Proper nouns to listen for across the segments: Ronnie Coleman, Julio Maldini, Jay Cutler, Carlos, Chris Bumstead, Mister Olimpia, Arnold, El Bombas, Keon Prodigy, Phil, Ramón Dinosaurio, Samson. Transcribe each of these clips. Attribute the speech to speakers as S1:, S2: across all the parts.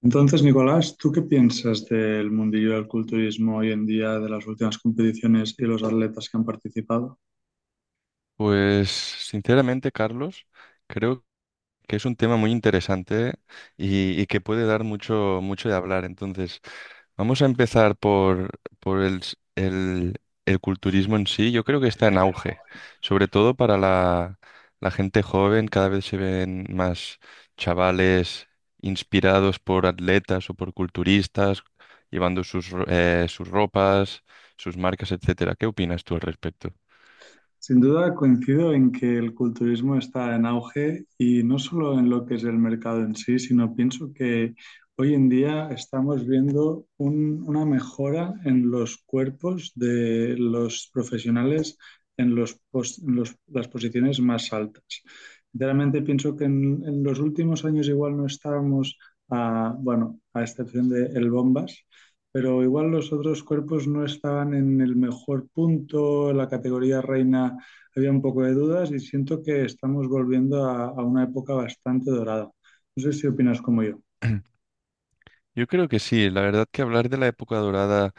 S1: Entonces, Nicolás, ¿tú qué piensas del mundillo del culturismo hoy en día, de las últimas competiciones y los atletas que han participado?
S2: Pues sinceramente, Carlos, creo que es un tema muy interesante y que puede dar mucho, mucho de hablar. Entonces, vamos a empezar por el culturismo en sí. Yo creo que está en auge, sobre todo para la gente joven. Cada vez se ven más chavales inspirados por atletas o por culturistas, llevando sus ropas, sus marcas, etcétera. ¿Qué opinas tú al respecto?
S1: Sin duda coincido en que el culturismo está en auge y no solo en lo que es el mercado en sí, sino pienso que hoy en día estamos viendo una mejora en los cuerpos de los profesionales en, los pos- en los- las posiciones más altas. Sinceramente pienso que en los últimos años igual no estábamos, bueno, a excepción de El Bombas, pero igual los otros cuerpos no estaban en el mejor punto, la categoría reina había un poco de dudas y siento que estamos volviendo a una época bastante dorada. No sé si opinas como yo.
S2: Yo creo que sí, la verdad que hablar de la época dorada,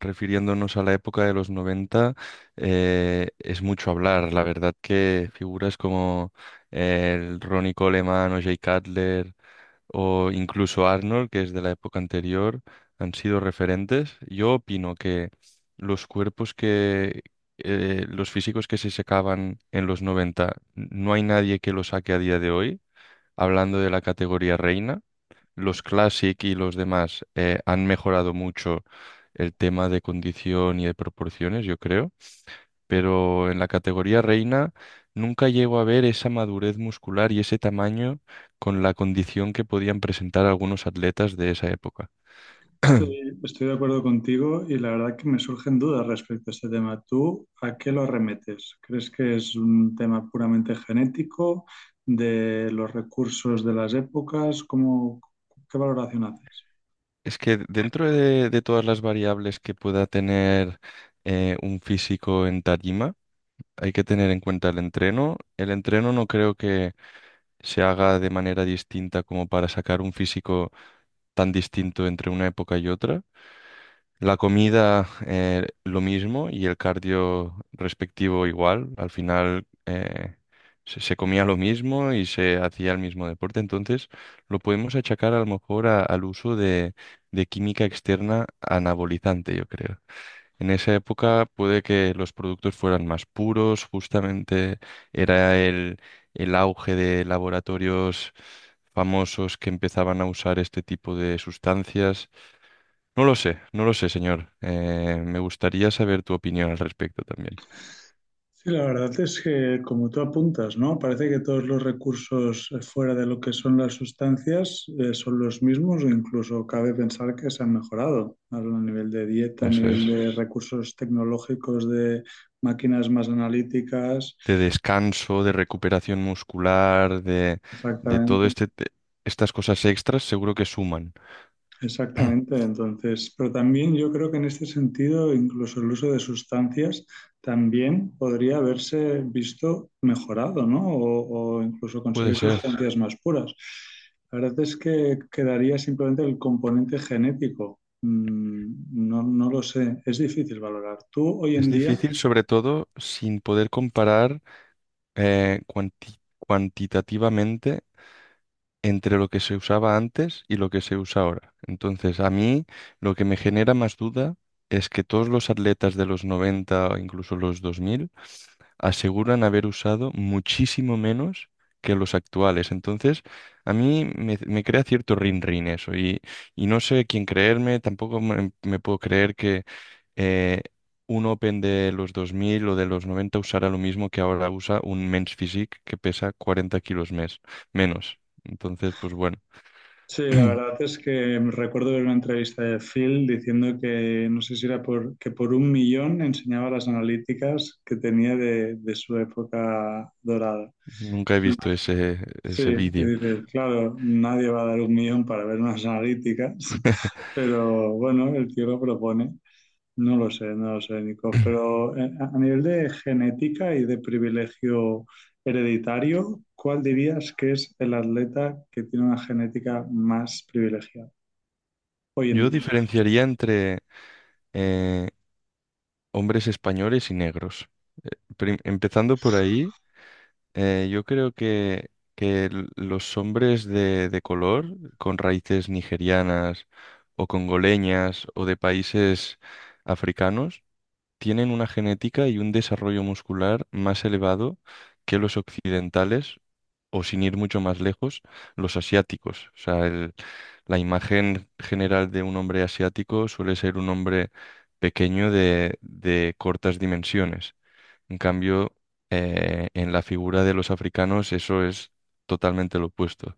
S2: refiriéndonos a la época de los 90, es mucho hablar. La verdad que figuras como el Ronnie Coleman o Jay Cutler o incluso Arnold, que es de la época anterior, han sido referentes. Yo opino que los cuerpos que, los físicos que se sacaban en los 90, no hay nadie que los saque a día de hoy, hablando de la categoría reina, los Classic y los demás han mejorado mucho el tema de condición y de proporciones, yo creo, pero en la categoría reina nunca llego a ver esa madurez muscular y ese tamaño con la condición que podían presentar algunos atletas de esa época.
S1: Estoy de acuerdo contigo y la verdad que me surgen dudas respecto a este tema. ¿Tú a qué lo arremetes? ¿Crees que es un tema puramente genético, de los recursos de las épocas? ¿Cómo, qué valoración haces?
S2: Es que dentro de todas las variables que pueda tener un físico en tarima, hay que tener en cuenta el entreno. El entreno no creo que se haga de manera distinta como para sacar un físico tan distinto entre una época y otra. La comida, lo mismo, y el cardio respectivo igual. Al final, se comía lo mismo y se hacía el mismo deporte. Entonces, lo podemos achacar a lo mejor al uso de química externa anabolizante, yo creo. En esa época puede que los productos fueran más puros, justamente era el auge de laboratorios famosos que empezaban a usar este tipo de sustancias. No lo sé, no lo sé, señor. Me gustaría saber tu opinión al respecto también.
S1: Sí, la verdad es que, como tú apuntas, ¿no? Parece que todos los recursos fuera de lo que son las sustancias, son los mismos o incluso cabe pensar que se han mejorado a nivel de dieta, a
S2: Eso
S1: nivel
S2: es.
S1: de recursos tecnológicos, de máquinas más analíticas.
S2: De descanso, de recuperación muscular, de, de todo
S1: Exactamente.
S2: este, te- estas cosas extras, seguro que suman.
S1: Exactamente, entonces, pero también yo creo que en este sentido, incluso el uso de sustancias también podría haberse visto mejorado, ¿no? O incluso
S2: Puede
S1: conseguir
S2: ser.
S1: sustancias más puras. La verdad es que quedaría simplemente el componente genético. No, no lo sé, es difícil valorar. Tú hoy
S2: Es
S1: en día,
S2: difícil, sobre todo, sin poder comparar cuantitativamente entre lo que se usaba antes y lo que se usa ahora. Entonces, a mí lo que me genera más duda es que todos los atletas de los 90 o incluso los 2000 aseguran haber usado muchísimo menos que los actuales. Entonces, a mí me crea cierto rin-rin eso y no sé quién creerme, tampoco me puedo creer que eh, un Open de los 2000 o de los 90 usará lo mismo que ahora usa un Men's Physique que pesa 40 kilos menos. Entonces, pues bueno,
S1: sí, la verdad es que recuerdo ver una entrevista de Phil diciendo que no sé si era que por 1 millón enseñaba las analíticas que tenía de su época dorada.
S2: nunca he visto ese,
S1: Sí,
S2: ese
S1: y
S2: vídeo.
S1: dices, claro, nadie va a dar 1 millón para ver unas analíticas, pero bueno, el tío lo propone. No lo sé, no lo sé, Nico, pero a nivel de genética y de privilegio hereditario, ¿cuál dirías que es el atleta que tiene una genética más privilegiada hoy en
S2: Yo
S1: día?
S2: diferenciaría entre eh, hombres españoles y negros. Eh, Empezando por ahí, yo creo que los hombres de color con raíces nigerianas o congoleñas o de países africanos tienen una genética y un desarrollo muscular más elevado que los occidentales o, sin ir mucho más lejos, los asiáticos. O sea, la imagen general de un hombre asiático suele ser un hombre pequeño de cortas dimensiones. En cambio, en la figura de los africanos eso es totalmente lo opuesto.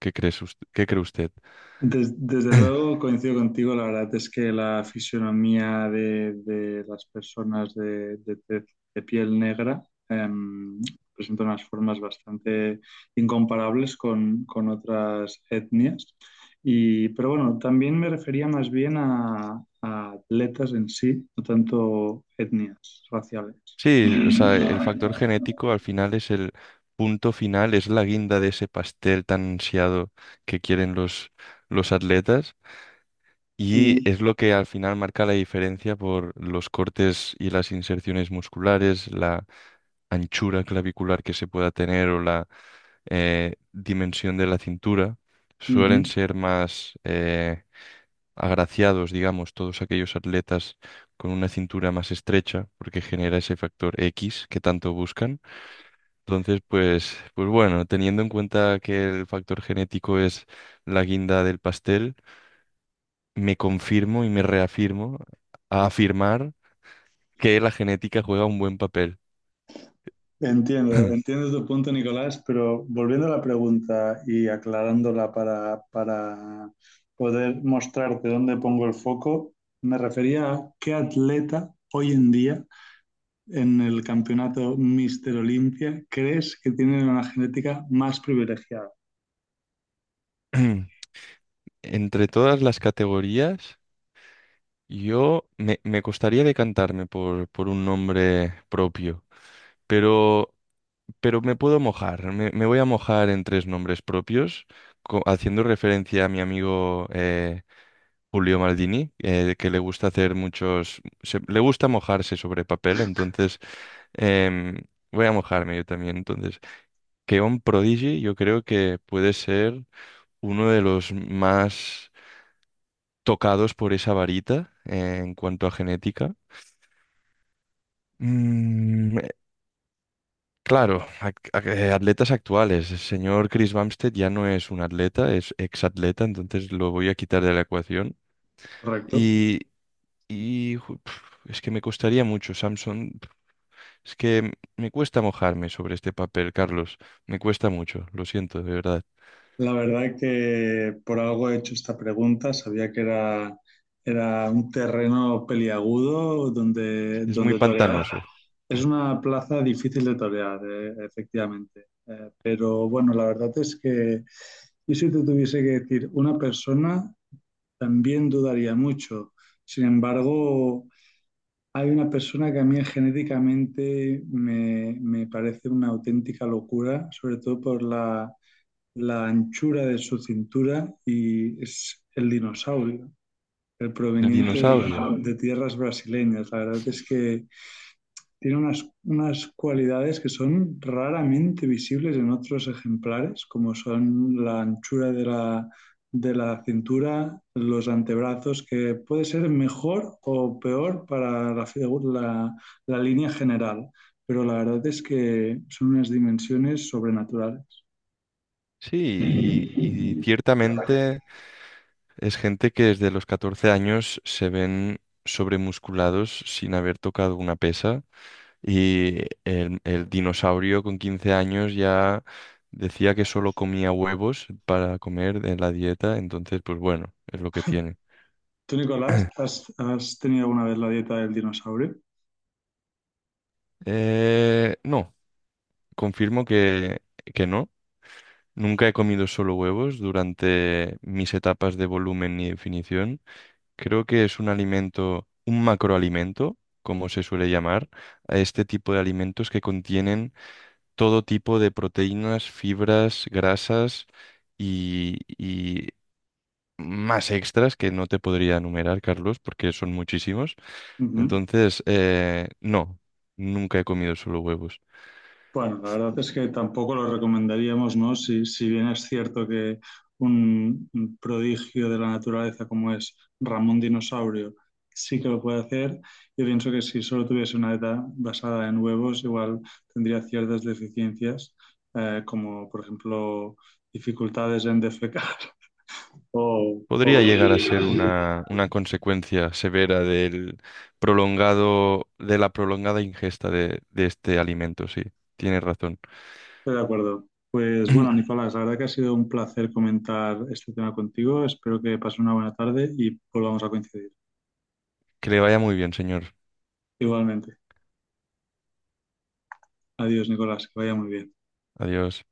S2: ¿Qué cree usted?
S1: Desde luego coincido contigo, la verdad es que la fisionomía de las personas de piel negra em, presenta unas formas bastante incomparables con otras etnias. Pero bueno, también me refería más bien a atletas en sí, no tanto etnias raciales.
S2: Sí, o sea, el factor genético al final es el punto final, es la guinda de ese pastel tan ansiado que quieren los atletas, y
S1: Y
S2: es lo que al final marca la diferencia por los cortes y las inserciones musculares, la anchura clavicular que se pueda tener o la dimensión de la cintura. Suelen
S1: Ujú.
S2: ser más... agraciados, digamos, todos aquellos atletas con una cintura más estrecha, porque genera ese factor X que tanto buscan. Entonces, pues bueno, teniendo en cuenta que el factor genético es la guinda del pastel, me confirmo y me reafirmo a afirmar que la genética juega un buen papel.
S1: Entiendo tu punto, Nicolás, pero volviendo a la pregunta y aclarándola para poder mostrarte dónde pongo el foco, me refería a qué atleta hoy en día en el campeonato Mister Olimpia crees que tiene una genética más privilegiada,
S2: Entre todas las categorías, yo me costaría decantarme por un nombre propio, pero me puedo mojar. Me voy a mojar en tres nombres propios, haciendo referencia a mi amigo Julio Maldini, que le gusta hacer muchos, le gusta mojarse sobre papel, entonces em, voy a mojarme yo también. Entonces, Keon Prodigy yo creo que puede ser uno de los más tocados por esa varita, en cuanto a genética. Mm, Claro, atletas actuales. El señor Chris Bumstead ya no es un atleta, es exatleta, entonces lo voy a quitar de la ecuación.
S1: ¿correcto?
S2: Y, es que me costaría mucho, Samson. Es que me cuesta mojarme sobre este papel, Carlos. Me cuesta mucho, lo siento, de verdad.
S1: La verdad que por algo he hecho esta pregunta, sabía que era un terreno peliagudo donde,
S2: Es muy
S1: donde torear.
S2: pantanoso.
S1: Es una plaza difícil de torear, efectivamente. Pero bueno, la verdad es que yo si te tuviese que decir una persona, también dudaría mucho. Sin embargo, hay una persona que a mí genéticamente me parece una auténtica locura, sobre todo por la anchura de su cintura y es el dinosaurio, el
S2: El
S1: proveniente
S2: dinosaurio.
S1: de tierras brasileñas. La verdad es que tiene unas cualidades que son raramente visibles en otros ejemplares, como son la anchura de la cintura, los antebrazos, que puede ser mejor o peor para la línea general, pero la verdad es que son unas dimensiones sobrenaturales.
S2: Sí, y ciertamente es gente que desde los 14 años se ven sobremusculados sin haber tocado una pesa. Y el dinosaurio con 15 años ya decía que solo comía huevos para comer en la dieta, entonces pues bueno, es lo que tiene.
S1: Tú, Nicolás, ¿has tenido alguna vez la dieta del dinosaurio?
S2: No, confirmo que no. Nunca he comido solo huevos durante mis etapas de volumen y definición. Creo que es un alimento, un macroalimento, como se suele llamar, a este tipo de alimentos que contienen todo tipo de proteínas, fibras, grasas y más extras que no te podría enumerar, Carlos, porque son muchísimos.
S1: Ujú.
S2: Entonces, no, nunca he comido solo huevos.
S1: Bueno, la verdad es que tampoco lo recomendaríamos, ¿no? Si bien es cierto que un prodigio de la naturaleza como es Ramón Dinosaurio sí que lo puede hacer, yo pienso que si solo tuviese una dieta basada en huevos, igual tendría ciertas deficiencias, como por ejemplo dificultades en defecar. O, o-
S2: Podría llegar a ser una consecuencia severa del prolongado, de la prolongada ingesta de este alimento, sí. Tiene razón.
S1: Estoy de acuerdo. Pues bueno, Nicolás, la verdad que ha sido un placer comentar este tema contigo. Espero que pases una buena tarde y volvamos a coincidir.
S2: Que le vaya muy bien, señor.
S1: Igualmente. Adiós, Nicolás, que vaya muy bien.
S2: Adiós.